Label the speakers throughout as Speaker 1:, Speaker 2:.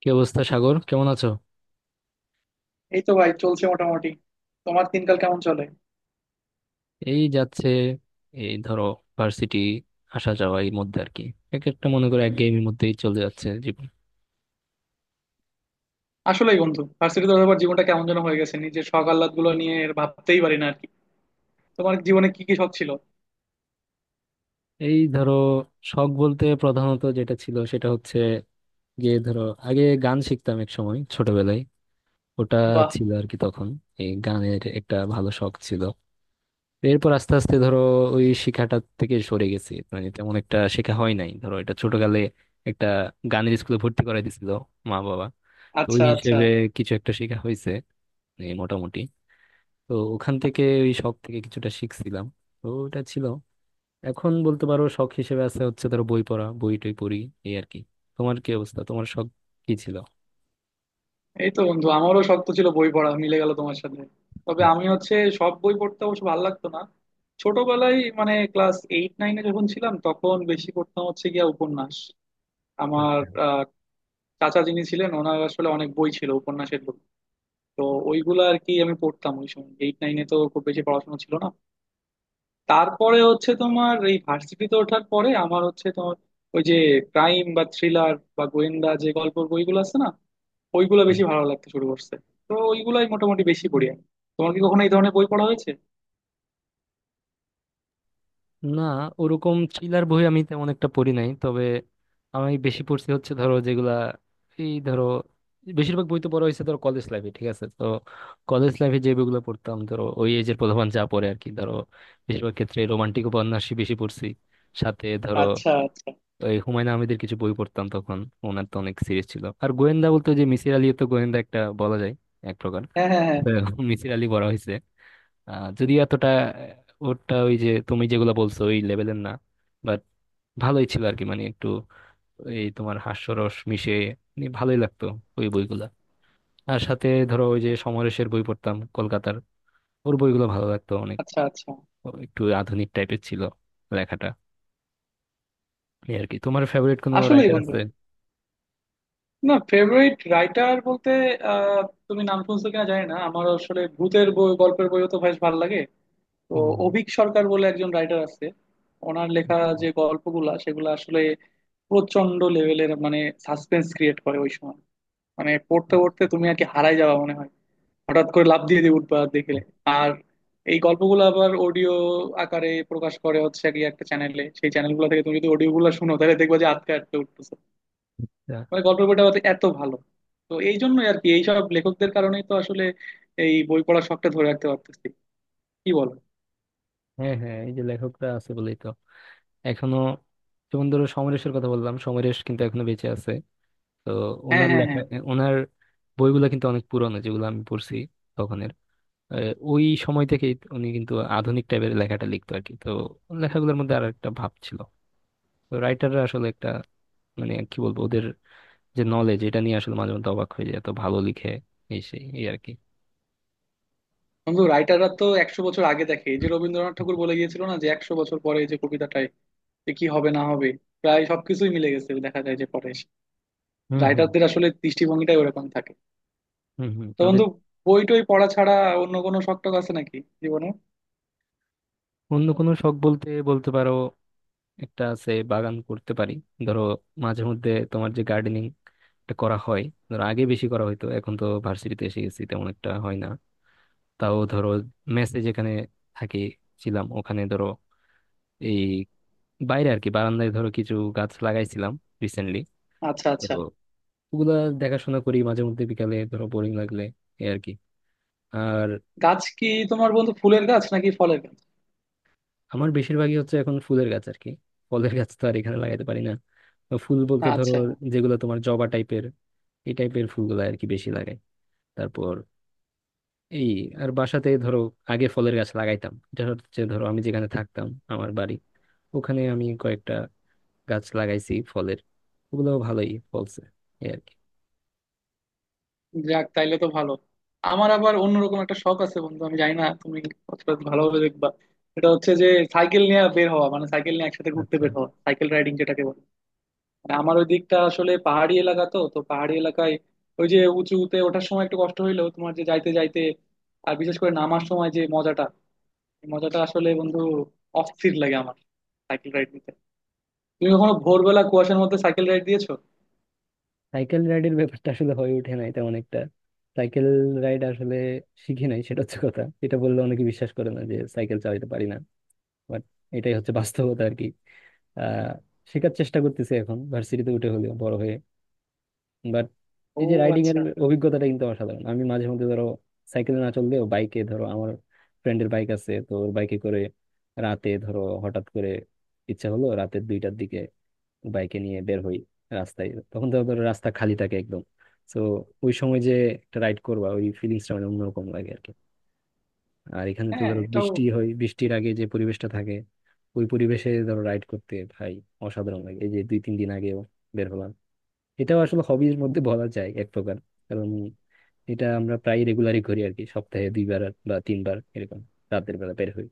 Speaker 1: কি অবস্থা সাগর? কেমন আছো?
Speaker 2: এই তো ভাই, চলছে মোটামুটি। তোমার দিনকাল কেমন চলে?
Speaker 1: এই যাচ্ছে, এই ধরো ভার্সিটি আসা যাওয়া এর মধ্যে আর কি। এক একটা মনে করো এক গেমের মধ্যেই চলে যাচ্ছে জীবন।
Speaker 2: আসলেই বন্ধু, ভার্সিটি তো আবার জীবনটা কেমন যেন হয়ে গেছে, নিজের শখ আহ্লাদ গুলো নিয়ে আর ভাবতেই পারি না আর কি। তোমার জীবনে কি কি শখ ছিল?
Speaker 1: এই ধরো শখ বলতে প্রধানত যেটা ছিল সেটা হচ্ছে গিয়ে ধরো, আগে গান শিখতাম এক সময় ছোটবেলায়, ওটা
Speaker 2: বাহ।
Speaker 1: ছিল আর কি তখন। এই গানের একটা ভালো শখ ছিল। এরপর আস্তে আস্তে ধরো ওই শিখাটা থেকে সরে গেছি, মানে তেমন একটা শেখা হয় নাই, ধরো এটা ছোটকালে একটা গানের স্কুলে ভর্তি করাই দিছিল মা বাবা। তো ওই
Speaker 2: আচ্ছা আচ্ছা।
Speaker 1: হিসেবে কিছু একটা শেখা হয়েছে, এই মোটামুটি। তো ওখান থেকে ওই শখ থেকে কিছুটা শিখছিলাম, তো ওটা ছিল। এখন বলতে পারো শখ হিসেবে আছে হচ্ছে ধরো বই পড়া, বই টই পড়ি এই আর কি। তোমার কি অবস্থা? তোমার শখ কি ছিল?
Speaker 2: এই তো বন্ধু, আমারও শখ তো ছিল বই পড়া, মিলে গেল তোমার সাথে। তবে
Speaker 1: হুম।
Speaker 2: আমি হচ্ছে সব বই পড়তে অবশ্য ভালো লাগতো না। ছোটবেলায় মানে ক্লাস এইট নাইনে যখন ছিলাম তখন বেশি পড়তাম হচ্ছে গিয়া উপন্যাস। আমার আহ, চাচা যিনি ছিলেন ওনার আসলে অনেক বই ছিল উপন্যাসের বই। তো ওইগুলো আর কি আমি পড়তাম ওই সময়, এইট নাইনে তো খুব বেশি পড়াশোনা ছিল না। তারপরে হচ্ছে তোমার এই ভার্সিটিতে ওঠার পরে আমার হচ্ছে তোমার ওই যে ক্রাইম বা থ্রিলার বা গোয়েন্দা যে গল্পের বইগুলো আছে না, ওইগুলো বেশি ভালো লাগতে শুরু করছে। তো ওইগুলাই মোটামুটি বেশি পড়ি আমি। তোমার কি কখনো এই ধরনের বই পড়া হয়েছে?
Speaker 1: না, ওরকম থ্রিলার বই আমি তেমন একটা পড়ি নাই, তবে আমি বেশি পড়ছি হচ্ছে ধরো যেগুলা, এই ধরো বেশিরভাগ বই তো পড়া হয়েছে ধরো কলেজ লাইফে, ঠিক আছে? তো কলেজ লাইফে যে বইগুলো পড়তাম ধরো ওই এজের পোলাপান যা পড়ে আর কি, ধরো বেশিরভাগ ক্ষেত্রে রোমান্টিক উপন্যাসই বেশি পড়ছি। সাথে ধরো
Speaker 2: আচ্ছা আচ্ছা।
Speaker 1: এই হুমায়ুন আহমেদের কিছু বই পড়তাম তখন। ওনার তো অনেক সিরিজ ছিল, আর গোয়েন্দা বলতে ওই যে মিসির আলী, তো গোয়েন্দা একটা বলা যায় এক প্রকার।
Speaker 2: হ্যাঁ হ্যাঁ হ্যাঁ।
Speaker 1: তো মিসির আলী পড়া হয়েছে। যদিও এতটা ওরটা ওই যে তুমি যেগুলো বলছো ওই লেভেলের না, বাট ভালোই ছিল আর কি, মানে একটু এই তোমার হাস্যরস মিশে, মানে ভালোই লাগতো ওই বইগুলা। আর সাথে ধরো ওই যে সমরেশের বই পড়তাম কলকাতার, ওর বইগুলো ভালো লাগতো অনেক।
Speaker 2: আচ্ছা আচ্ছা।
Speaker 1: ও একটু আধুনিক টাইপের ছিল লেখাটা। এই আর কি, তোমার ফেভারিট কোনো
Speaker 2: আসলেই
Speaker 1: রাইটার
Speaker 2: বন্ধু,
Speaker 1: আছে?
Speaker 2: না ফেভারিট রাইটার বলতে আহ তুমি নাম শুনছো কিনা জানি না, আমার আসলে ভূতের বই গল্পের বইও তো বেশ ভালো লাগে। তো
Speaker 1: হুম,
Speaker 2: অভীক সরকার বলে একজন রাইটার আছে, ওনার লেখা
Speaker 1: আচ্ছা,
Speaker 2: যে গল্পগুলা সেগুলো আসলে প্রচন্ড লেভেলের মানে সাসপেন্স ক্রিয়েট করে ওই সময়। মানে পড়তে পড়তে তুমি আর কি হারাই যাবা মনে হয়, হঠাৎ করে লাফ দিয়ে দিয়ে উঠবা দেখলে। আর এই গল্পগুলো আবার অডিও আকারে প্রকাশ করে হচ্ছে কি একটা চ্যানেলে। সেই চ্যানেলগুলো থেকে তুমি যদি অডিও গুলো শুনো তাহলে দেখবা যে আটকে আটকে উঠতেছে।
Speaker 1: আচ্ছা।
Speaker 2: মানে গল্পের বইটা হয়তো এত ভালো। তো এই জন্যই আর কি এইসব লেখকদের কারণেই তো আসলে এই বই পড়ার শখটা ধরে রাখতে পারতেছি, কি বলো?
Speaker 1: হ্যাঁ হ্যাঁ, এই যে লেখকরা আছে বলেই তো এখনো। যেমন ধরো সমরেশের কথা বললাম, সমরেশ কিন্তু এখনো বেঁচে আছে। তো
Speaker 2: হ্যাঁ
Speaker 1: ওনার
Speaker 2: হ্যাঁ
Speaker 1: লেখা,
Speaker 2: হ্যাঁ।
Speaker 1: ওনার বইগুলো কিন্তু অনেক পুরনো যেগুলো আমি পড়ছি তখনের। ওই সময় থেকেই উনি কিন্তু আধুনিক টাইপের লেখাটা লিখতো আর কি। তো ওর লেখাগুলোর মধ্যে আর একটা ভাব ছিল। তো রাইটাররা আসলে একটা, মানে কি বলবো, ওদের যে নলেজ এটা নিয়ে আসলে মাঝে মধ্যে অবাক হয়ে যায়, এত ভালো লিখে, এই সেই এই আর কি।
Speaker 2: বন্ধু রাইটাররা তো 100 বছর আগে দেখে, এই যে রবীন্দ্রনাথ ঠাকুর বলে গিয়েছিল না যে 100 বছর পরে এই যে কবিতাটাই, যে কি হবে না হবে, প্রায় সবকিছুই মিলে গেছে দেখা যায় যে পরে এসে।
Speaker 1: হুম হুম,
Speaker 2: রাইটারদের আসলে দৃষ্টিভঙ্গিটাই ওরকম থাকে।
Speaker 1: হুম হুম
Speaker 2: তো
Speaker 1: ওদের।
Speaker 2: বন্ধু, বই টই পড়া ছাড়া অন্য কোনো শখ টখ আছে নাকি জীবনে?
Speaker 1: অন্য কোনো শখ বলতে বলতে পারো একটা আছে, বাগান করতে পারি ধরো মাঝে মধ্যে, তোমার যে গার্ডেনিং করা হয় ধরো, আগে বেশি করা হইতো, এখন তো ভার্সিটিতে এসে গেছি তেমন একটা হয় না। তাও ধরো মেসে যেখানে থাকি, ছিলাম ওখানে, ধরো এই বাইরে আর কি বারান্দায় ধরো কিছু গাছ লাগাইছিলাম রিসেন্টলি।
Speaker 2: আচ্ছা
Speaker 1: তো
Speaker 2: আচ্ছা।
Speaker 1: ওগুলা দেখাশোনা করি মাঝে মধ্যে বিকালে, ধরো বোরিং লাগলে, এই আর কি।
Speaker 2: গাছ কি তোমার বন্ধু, ফুলের গাছ নাকি ফলের গাছ?
Speaker 1: আমার বেশিরভাগই হচ্ছে এখন ফুলের গাছ আর কি, ফলের গাছ তো আর এখানে লাগাইতে পারি না। তো ফুল বলতে ধরো
Speaker 2: আচ্ছা।
Speaker 1: যেগুলো তোমার জবা টাইপের, এই টাইপের ফুলগুলো আর কি বেশি লাগাই। তারপর এই, আর বাসাতে ধরো আগে ফলের গাছ লাগাইতাম, এটা হচ্ছে ধরো আমি যেখানে থাকতাম, আমার বাড়ি, ওখানে আমি কয়েকটা গাছ লাগাইছি ফলের, ওগুলো ভালোই ফলছে এই আর কি।
Speaker 2: যাক তাইলে তো ভালো। আমার আবার অন্যরকম একটা শখ আছে বন্ধু, আমি জানি না তুমি কতটা ভালোভাবে দেখবা। এটা হচ্ছে যে সাইকেল নিয়ে বের হওয়া, মানে সাইকেল নিয়ে একসাথে ঘুরতে
Speaker 1: আচ্ছা।
Speaker 2: বের হওয়া, সাইকেল রাইডিং যেটাকে বলে। মানে আমার ওই দিকটা আসলে পাহাড়ি এলাকা, তো তো পাহাড়ি এলাকায় ওই যে উঁচুতে ওঠার সময় একটু কষ্ট হইলেও তোমার যে যাইতে যাইতে, আর বিশেষ করে নামার সময় যে মজাটা, এই মজাটা আসলে বন্ধু অস্থির লাগে আমার সাইকেল রাইড নিতে। তুমি কখনো ভোরবেলা কুয়াশার মধ্যে সাইকেল রাইড দিয়েছো?
Speaker 1: সাইকেল রাইডের ব্যাপারটা আসলে হয়ে ওঠে নাই তেমন একটা। সাইকেল রাইড আসলে শিখি নাই, সেটা হচ্ছে কথা। এটা বললে অনেকে বিশ্বাস করে না যে সাইকেল চালাতে পারি না, বাট এটাই হচ্ছে বাস্তবতা আর কি। আহ শেখার চেষ্টা করতেছি এখন ভার্সিটিতে উঠে হলেও, বড় হয়ে। বাট
Speaker 2: ও
Speaker 1: এই যে রাইডিং এর
Speaker 2: আচ্ছা।
Speaker 1: অভিজ্ঞতাটা কিন্তু অসাধারণ। আমি মাঝে মধ্যে ধরো সাইকেলে না চললেও বাইকে ধরো, আমার ফ্রেন্ডের বাইক আছে তো ওর বাইকে করে রাতে ধরো হঠাৎ করে ইচ্ছা হলো রাতের দুইটার দিকে বাইকে নিয়ে বের হই। রাস্তায় তখন তো ধরো রাস্তা খালি থাকে একদম। তো ওই সময় যে একটা রাইড করবা, ওই ফিলিংসটা মানে অন্যরকম লাগে আর কি। আর এখানে তো
Speaker 2: হ্যাঁ
Speaker 1: ধরো
Speaker 2: এটাও
Speaker 1: বৃষ্টি হয়, বৃষ্টির
Speaker 2: ঠিক।
Speaker 1: আগে যে পরিবেশটা থাকে ওই পরিবেশে ধরো রাইড করতে ভাই অসাধারণ লাগে। এই যে দুই তিন দিন আগেও বের হলাম। এটাও আসলে হবির মধ্যে বলা যায় এক প্রকার, কারণ এটা আমরা প্রায় রেগুলারই করি আর কি, সপ্তাহে দুইবার বা তিনবার এরকম রাতের বেলা বের হই,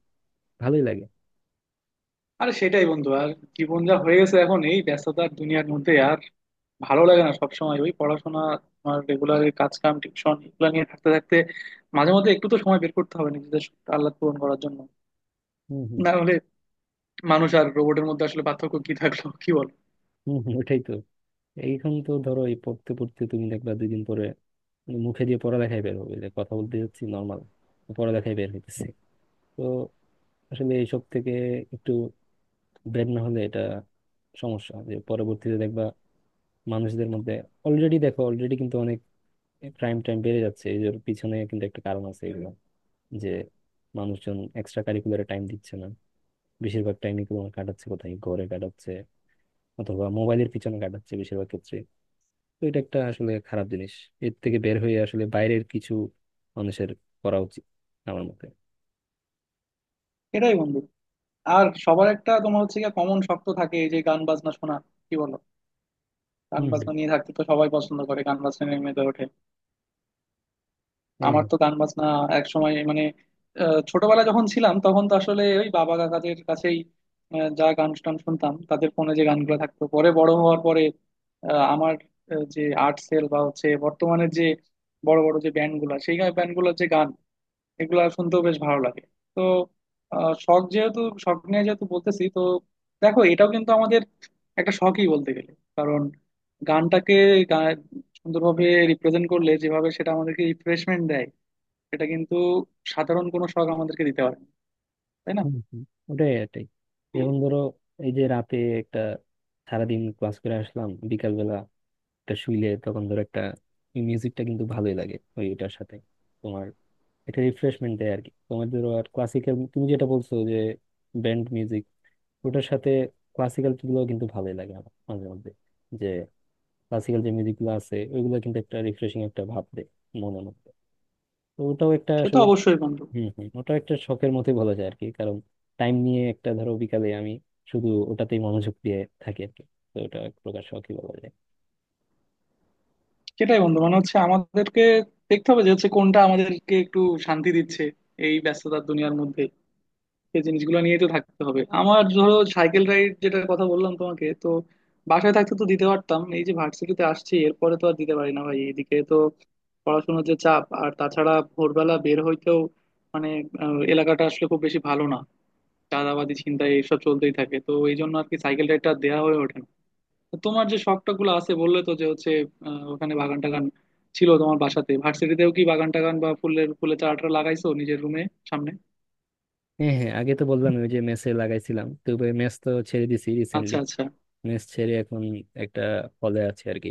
Speaker 1: ভালোই লাগে।
Speaker 2: আরে সেটাই বন্ধু, আর জীবন যা হয়ে গেছে এখন, এই ব্যস্ততার দুনিয়ার মধ্যে আর ভালো লাগে না সবসময় ওই পড়াশোনা, তোমার রেগুলার কাজ কাম টিউশন এগুলো নিয়ে থাকতে থাকতে মাঝে মধ্যে একটু তো সময় বের করতে হবে নিজেদের আল্লাহ পূরণ করার জন্য।
Speaker 1: হম হম,
Speaker 2: না, মানুষ আর রোবটের মধ্যে আসলে পার্থক্য কি থাকলো, কি বল?
Speaker 1: হম হম, ওটাই তো। এইখান তো ধরো এই পড়তে পড়তে তুমি দেখবা দুই দিন পরে মুখে দিয়ে পড়ালেখায় বের হবে, যে কথা বলতে যাচ্ছি নর্মাল পড়ালেখায় বের হইতেছে। তো আসলে এইসব থেকে একটু ব্রেড না হলে এটা সমস্যা যে পরবর্তীতে দেখবা মানুষদের মধ্যে। অলরেডি দেখো, অলরেডি কিন্তু অনেক ক্রাইম টাইম বেড়ে যাচ্ছে, এই এর পিছনে কিন্তু একটা কারণ আছে এগুলো, যে মানুষজন এক্সট্রা কারিকুলারে টাইম দিচ্ছে না। বেশিরভাগ টাইমই তোমার কাটাচ্ছে কোথায়, ঘরে কাটাচ্ছে অথবা মোবাইলের পিছনে কাটাচ্ছে বেশিরভাগ ক্ষেত্রে। তো এটা একটা আসলে খারাপ জিনিস, এর থেকে বের হয়ে আসলে বাইরের কিছু মানুষের করা উচিত, আমার মতে।
Speaker 2: এটাই বন্ধু। আর সবার একটা তোমার হচ্ছে গিয়ে কমন শখ তো থাকে এই যে গান বাজনা শোনা, কি বলো? গান
Speaker 1: হম হম।
Speaker 2: বাজনা নিয়ে থাকতে তো সবাই পছন্দ করে, গান বাজনা নিয়ে মেতে ওঠে।
Speaker 1: হ্যাঁ
Speaker 2: আমার
Speaker 1: হ্যাঁ।
Speaker 2: তো গান বাজনা এক সময় মানে ছোটবেলায় যখন ছিলাম তখন তো আসলে ওই বাবা কাকাদের কাছেই যা গান টান শুনতাম তাদের ফোনে যে গানগুলো থাকতো, পরে বড় হওয়ার পরে আমার যে আর্ট সেল বা হচ্ছে বর্তমানের যে বড় বড় যে ব্যান্ড গুলা, সেই ব্যান্ড গুলোর যে গান এগুলা শুনতেও বেশ ভালো লাগে। তো শখ যেহেতু, শখ নিয়ে যেহেতু বলতেছি, তো দেখো এটাও কিন্তু আমাদের একটা শখই বলতে গেলে। কারণ গানটাকে গা- সুন্দরভাবে রিপ্রেজেন্ট করলে যেভাবে সেটা আমাদেরকে রিফ্রেশমেন্ট দেয়, সেটা কিন্তু সাধারণ কোনো শখ আমাদেরকে দিতে পারে না, তাই না?
Speaker 1: হুম, হুম, ওটাই এটাই। যেমন ধরো এই যে রাতে একটা, সারাদিন ক্লাস করে আসলাম বিকাল বেলা, একটা শুইলে তখন ধরো একটা মিউজিকটা কিন্তু ভালোই লাগে, ওই এটার সাথে তোমার, এটা রিফ্রেশমেন্ট দেয় আর কি তোমার। ধরো আর ক্লাসিক্যাল, তুমি যেটা বলছো যে ব্যান্ড মিউজিক, ওটার সাথে ক্লাসিক্যাল গুলো কিন্তু ভালোই লাগে আমার মাঝে মধ্যে। যে ক্লাসিক্যাল যে মিউজিক গুলো আছে ওইগুলো কিন্তু একটা রিফ্রেশিং একটা ভাব দেয় মনের মধ্যে। তো ওটাও একটা
Speaker 2: সে তো
Speaker 1: আসলে,
Speaker 2: অবশ্যই বন্ধু।
Speaker 1: হম হম, ওটা একটা শখের মতোই বলা যায় আর কি, কারণ টাইম নিয়ে একটা ধরো বিকালে আমি শুধু ওটাতেই মনোযোগ দিয়ে থাকি আর কি। তো ওটা এক প্রকার শখই বলা যায়।
Speaker 2: সেটাই বন্ধু, মানে হচ্ছে আমাদেরকে দেখতে হবে যে হচ্ছে কোনটা আমাদেরকে একটু শান্তি দিচ্ছে এই ব্যস্ততার দুনিয়ার মধ্যে। এই জিনিসগুলো নিয়ে তো থাকতে হবে। আমার ধরো সাইকেল রাইড যেটার কথা বললাম তোমাকে, তো বাসায় থাকতে তো দিতে পারতাম, এই যে ভার্সিটিতে আসছি এরপরে তো আর দিতে পারি না ভাই, এদিকে তো পড়াশোনার যে চাপ আর তাছাড়া ভোরবেলা বের হইতেও মানে এলাকাটা আসলে খুব বেশি ভালো না, চাঁদাবাজি ছিনতাই এসব চলতেই থাকে। তো এই জন্য আর কি সাইকেল রাইডটা দেওয়া হয়ে ওঠে না। তো তোমার যে শখটা গুলো আছে বললে তো, যে হচ্ছে ওখানে বাগান টাগান ছিল তোমার বাসাতে, ভার্সিটিতেও কি বাগান টাগান বা ফুলের ফুলের চারা টারা লাগাইছো নিজের রুমে সামনে?
Speaker 1: হ্যাঁ হ্যাঁ, আগে তো বললাম ওই যে মেসে লাগাইছিলাম তো, মেস তো ছেড়ে দিছি
Speaker 2: আচ্ছা
Speaker 1: রিসেন্টলি।
Speaker 2: আচ্ছা।
Speaker 1: মেস ছেড়ে এখন একটা হলে আছে আর কি।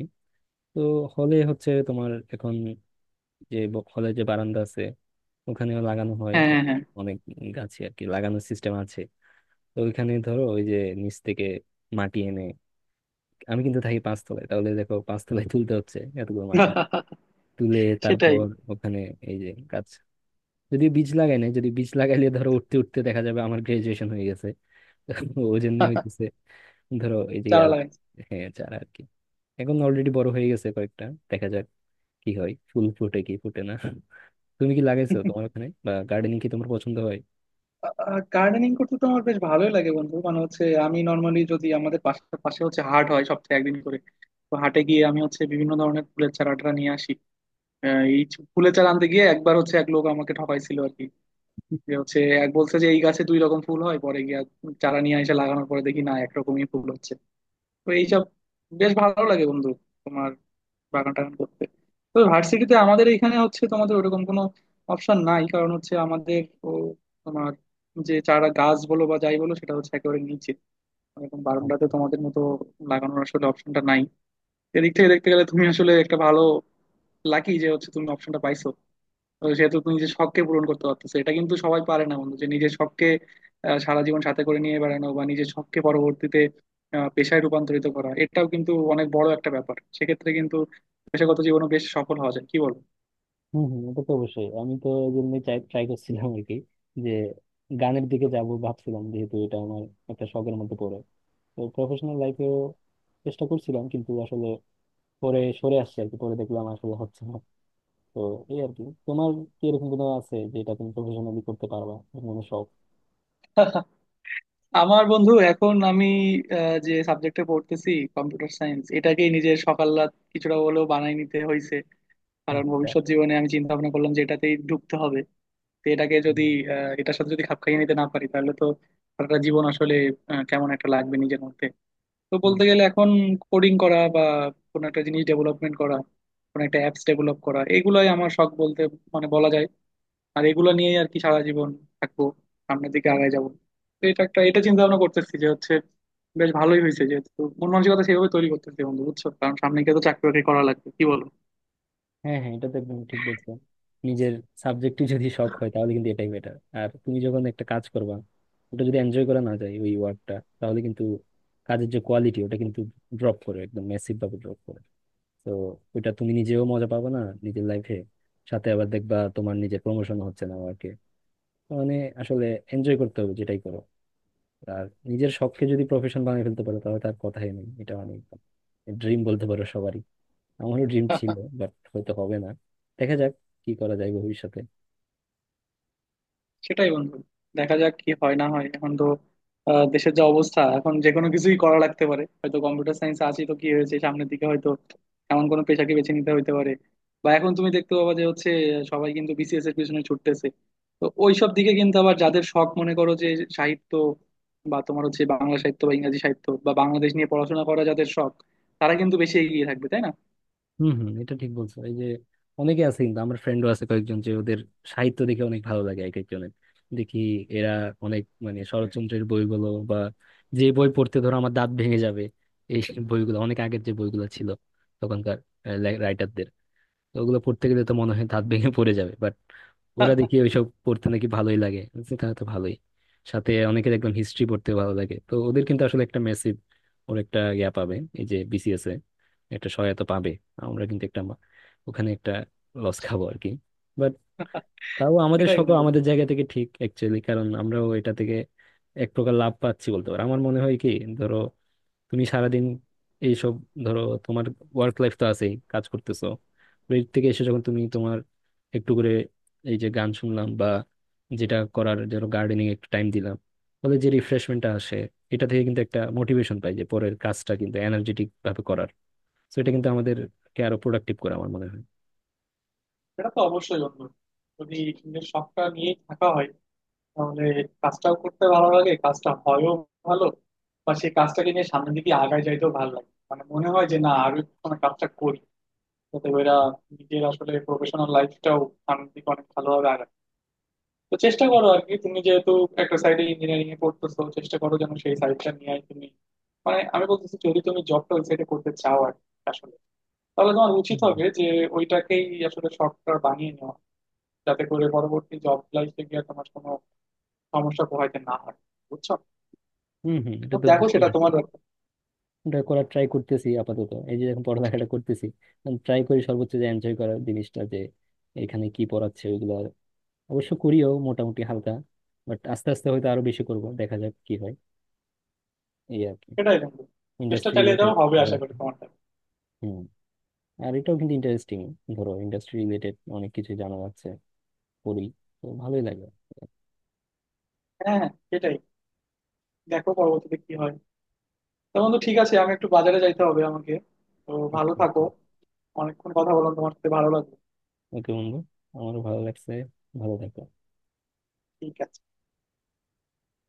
Speaker 1: তো হলে হচ্ছে তোমার এখন, যে হলে যে বারান্দা আছে ওখানেও লাগানো হয়
Speaker 2: হ্যাঁ হ্যাঁ হ্যাঁ।
Speaker 1: অনেক গাছে আর কি, লাগানোর সিস্টেম আছে। তো ওইখানে ধরো ওই যে নিচ থেকে মাটি এনে, আমি কিন্তু থাকি পাঁচতলায়, তাহলে দেখো পাঁচতলায় তুলতে হচ্ছে এতগুলো মাটি তুলে
Speaker 2: সেটাই।
Speaker 1: তারপর ওখানে এই যে গাছ, যদি বীজ লাগাই না, যদি বীজ লাগাইলে ধরো উঠতে উঠতে দেখা যাবে আমার গ্রাজুয়েশন হয়ে গেছে ওই জন্য হইতেছে ধরো এই যে
Speaker 2: চারা
Speaker 1: আর
Speaker 2: লাগাইছি।
Speaker 1: হ্যাঁ চারা আর কি, এখন অলরেডি বড় হয়ে গেছে কয়েকটা। দেখা যাক কি হয়, ফুল ফুটে কি ফুটে না। তুমি কি লাগাইছো তোমার ওখানে? বা গার্ডেনিং কি তোমার পছন্দ হয়?
Speaker 2: গার্ডেনিং করতে তো আমার বেশ ভালোই লাগে বন্ধু, মানে হচ্ছে আমি নর্মালি যদি আমাদের পাশে পাশে হচ্ছে হাট হয় সপ্তাহে একদিন করে। তো হাটে গিয়ে আমি হচ্ছে বিভিন্ন ধরনের ফুলের চারা টারা নিয়ে আসি। এই ফুলের চারা আনতে গিয়ে একবার হচ্ছে এক লোক আমাকে ঠকাইছিল আর কি, যে হচ্ছে এক বলছে যে এই গাছে দুই রকম ফুল হয়, পরে গিয়ে চারা নিয়ে এসে লাগানোর পরে দেখি না একরকমই ফুল হচ্ছে। তো এইসব বেশ ভালো লাগে বন্ধু, তোমার বাগান টাগান করতে। তো ভার্সিটিতে আমাদের এখানে হচ্ছে তোমাদের ওরকম কোনো অপশন নাই, কারণ হচ্ছে আমাদের ও তোমার যে চারা গাছ বলো বা যাই বলো সেটা হচ্ছে একেবারে নিচে, এরকম বারান্দাতে তোমাদের মতো লাগানোর আসলে অপশনটা নাই। এদিক থেকে দেখতে গেলে তুমি আসলে একটা ভালো লাকি যে হচ্ছে তুমি অপশনটা পাইছো। তো সেহেতু তুমি নিজের শখকে পূরণ করতে পারতেছো, এটা কিন্তু সবাই পারে না বন্ধু, যে নিজের শখকে সারা জীবন সাথে করে নিয়ে বেড়ানো বা নিজের শখকে পরবর্তীতে পেশায় রূপান্তরিত করা, এটাও কিন্তু অনেক বড় একটা ব্যাপার। সেক্ষেত্রে কিন্তু পেশাগত জীবনও বেশ সফল হওয়া যায়, কি বল?
Speaker 1: হম হম, ওটা তো অবশ্যই, আমি তো এই জন্যই চাই, ট্রাই করছিলাম আর কি, যে গানের দিকে যাব ভাবছিলাম যেহেতু এটা আমার একটা শখের মধ্যে পড়ে। তো প্রফেশনাল লাইফেও চেষ্টা করছিলাম, কিন্তু আসলে পরে সরে আসছে আর কি, পরে দেখলাম আসলে হচ্ছে না। তো এই আর কি, তোমার কি এরকম কোনো আছে যেটা তুমি প্রফেশনালি করতে পারবা, এরকম কোনো শখ?
Speaker 2: আমার বন্ধু এখন আমি যে সাবজেক্টে পড়তেছি কম্পিউটার সায়েন্স, এটাকেই নিজের সকাল রাত কিছুটা হলেও বানাই নিতে হয়েছে, কারণ
Speaker 1: আচ্ছা।
Speaker 2: ভবিষ্যৎ জীবনে আমি চিন্তা ভাবনা করলাম যে এটাতেই ঢুকতে হবে। তো এটাকে
Speaker 1: হুম,
Speaker 2: যদি এটার সাথে যদি খাপ খাইয়ে নিতে না পারি তাহলে তো সারাটা জীবন আসলে কেমন একটা লাগবে নিজের মধ্যে। তো
Speaker 1: হুম।
Speaker 2: বলতে গেলে এখন কোডিং করা বা কোনো একটা জিনিস ডেভেলপমেন্ট করা, কোনো একটা অ্যাপস ডেভেলপ করা, এগুলাই আমার শখ বলতে মানে বলা যায়। আর এগুলো নিয়েই আর কি সারা জীবন থাকবো, সামনের দিকে আগায় যাবো। তো এটা একটা, এটা চিন্তা ভাবনা করতেছি যে হচ্ছে বেশ ভালোই হয়েছে, যেহেতু মন মানসিকতা সেভাবে তৈরি করতেছি বন্ধু, বুঝছো? কারণ সামনে গিয়ে তো চাকরি বাকরি করা লাগবে, কি বলো?
Speaker 1: হ্যাঁ হ্যাঁ, এটা তো একদম ঠিক বলছো। নিজের সাবজেক্টই যদি শখ হয় তাহলে কিন্তু এটাই বেটার। আর তুমি যখন একটা কাজ করবা, ওটা যদি এনজয় করা না যায় ওই ওয়ার্কটা, তাহলে কিন্তু কাজের যে কোয়ালিটি, ওটা কিন্তু ড্রপ করে, একদম ম্যাসিভ ভাবে ড্রপ করে। তো ওটা তুমি নিজেও মজা পাবে না নিজের লাইফে, সাথে আবার দেখবা তোমার নিজের প্রমোশন হচ্ছে না ওয়ার্কে। মানে আসলে এনজয় করতে হবে যেটাই করো। আর নিজের শখকে যদি প্রফেশন বানিয়ে ফেলতে পারো, তাহলে তার কথাই নেই, এটা অনেক ড্রিম বলতে পারো সবারই। আমারও ড্রিম ছিল, বাট হয়তো হবে না, দেখা যাক কি করা যায় ভবিষ্যতে।
Speaker 2: সেটাই বন্ধু, দেখা যাক কি হয় না হয়। এখন তো দেশের যা অবস্থা এখন যে কোনো কিছুই করা লাগতে পারে, হয়তো কম্পিউটার সায়েন্স আছি তো কি হয়েছে, সামনের দিকে হয়তো এমন কোনো পেশাকে বেছে নিতে হইতে পারে। বা এখন তুমি দেখতে পাবা যে হচ্ছে সবাই কিন্তু বিসিএস এর পিছনে ছুটতেছে। তো ওইসব দিকে কিন্তু আবার যাদের শখ মনে করো যে সাহিত্য, বা তোমার হচ্ছে বাংলা সাহিত্য বা ইংরেজি সাহিত্য বা বাংলাদেশ নিয়ে পড়াশোনা করা যাদের শখ, তারা কিন্তু বেশি এগিয়ে থাকবে, তাই না?
Speaker 1: হম হম, এটা ঠিক বলছো। এই যে অনেকে আছে, কিন্তু আমার ফ্রেন্ডও আছে কয়েকজন, যে ওদের সাহিত্য দেখে অনেক ভালো লাগে এক একজনের। দেখি এরা অনেক মানে শরৎচন্দ্রের বইগুলো বা যে বই পড়তে ধরো আমার দাঁত ভেঙে যাবে, এই বইগুলো অনেক আগের, যে বইগুলো ছিল তখনকার রাইটারদের। তো ওগুলো পড়তে গেলে তো মনে হয় দাঁত ভেঙে পড়ে যাবে, বাট ওরা দেখি ওইসব পড়তে নাকি ভালোই লাগে। আমি বলছি, তাহলে তো ভালোই। সাথে অনেকে দেখলাম হিস্ট্রি পড়তে ভালো লাগে, তো ওদের কিন্তু আসলে একটা মেসিভ, ওর একটা ইয়া পাবে এই যে বিসিএস এ, একটা সহায়তা পাবে। আমরা কিন্তু একটা ওখানে একটা লস খাবো আর কি, বাট তাও আমাদের
Speaker 2: সেটাই
Speaker 1: সকল
Speaker 2: বন্ধু।
Speaker 1: আমাদের জায়গা থেকে ঠিক অ্যাকচুয়ালি, কারণ আমরাও এটা থেকে এক প্রকার লাভ পাচ্ছি বলতে পারো। আমার মনে হয় কি, ধরো তুমি সারাদিন এইসব, ধরো তোমার ওয়ার্ক লাইফ তো আছেই, কাজ করতেছো, ব্রেক থেকে এসে যখন তুমি তোমার একটু করে এই যে গান শুনলাম বা যেটা করার ধরো গার্ডেনিং একটু টাইম দিলাম, ফলে যে রিফ্রেশমেন্টটা আসে, এটা থেকে কিন্তু একটা মোটিভেশন পাই যে পরের কাজটা কিন্তু এনার্জেটিক ভাবে করার। তো এটা কিন্তু আমাদেরকে আরো প্রোডাক্টিভ করে, আমার মনে হয়।
Speaker 2: সেটা তো অবশ্যই বন্ধু, যদি নিজের শখটা নিয়ে থাকা হয় তাহলে কাজটাও করতে ভালো লাগে, কাজটা হয়ও ভালো, বা সেই কাজটাকে নিয়ে সামনের দিকে আগায় যাইতেও ভালো লাগে, মানে মনে হয় যে না, আরো একটু সময় কাজটা করি, যাতে করে নিজের আসলে প্রফেশনাল লাইফটাও সামনের দিকে অনেক ভালোভাবে আগায়। তো চেষ্টা করো আর কি, তুমি যেহেতু একটা সাইডে ইঞ্জিনিয়ারিং এ পড়তেছো, চেষ্টা করো যেন সেই সাইডটা নিয়ে তুমি মানে আমি বলতেছি যদি তুমি জবটা ওই সাইডে করতে চাও আর কি আসলে, তাহলে তোমার উচিত হবে যে ওইটাকেই আসলে শর্টকাট বানিয়ে নেওয়া, যাতে করে পরবর্তী জব লাইফে গিয়ে তোমার কোনো সমস্যা পোহাইতে না হয়, বুঝছো?
Speaker 1: হম হম, এটা
Speaker 2: এখন
Speaker 1: তো
Speaker 2: দেখো
Speaker 1: বুঝতে
Speaker 2: সেটা
Speaker 1: পারছি।
Speaker 2: তোমার ব্যাপার।
Speaker 1: এটা করার ট্রাই করতেছি আপাতত, এই যে এখন পড়ালেখাটা করতেছি, ট্রাই করি সর্বোচ্চ যে এনজয় করার জিনিসটা, যে এখানে কি পড়াচ্ছে ওইগুলো অবশ্য করিও মোটামুটি হালকা, বাট আস্তে আস্তে হয়তো আরো বেশি করব, দেখা যাক কি হয় এই আর কি।
Speaker 2: সেটাই বন্ধু, চেষ্টা
Speaker 1: ইন্ডাস্ট্রি
Speaker 2: চালিয়ে যাও,
Speaker 1: রিলেটেড
Speaker 2: হবে আশা
Speaker 1: পড়ালেখা।
Speaker 2: করি তোমারটা।
Speaker 1: হুম। আর এটাও কিন্তু ইন্টারেস্টিং, ধরো ইন্ডাস্ট্রি রিলেটেড অনেক কিছু জানা যাচ্ছে পড়ি, তো ভালোই লাগে।
Speaker 2: হ্যাঁ হ্যাঁ সেটাই। দেখো পরবর্তীতে কি হয়। তো বন্ধু ঠিক আছে, আমি একটু বাজারে যাইতে হবে আমাকে। তো ভালো
Speaker 1: আচ্ছা
Speaker 2: থাকো,
Speaker 1: আচ্ছা।
Speaker 2: অনেকক্ষণ কথা বললাম তোমার সাথে ভালো লাগলো।
Speaker 1: ওকে বন্ধু, আমারও ভালো লাগছে। ভালো থাকো।
Speaker 2: ঠিক আছে।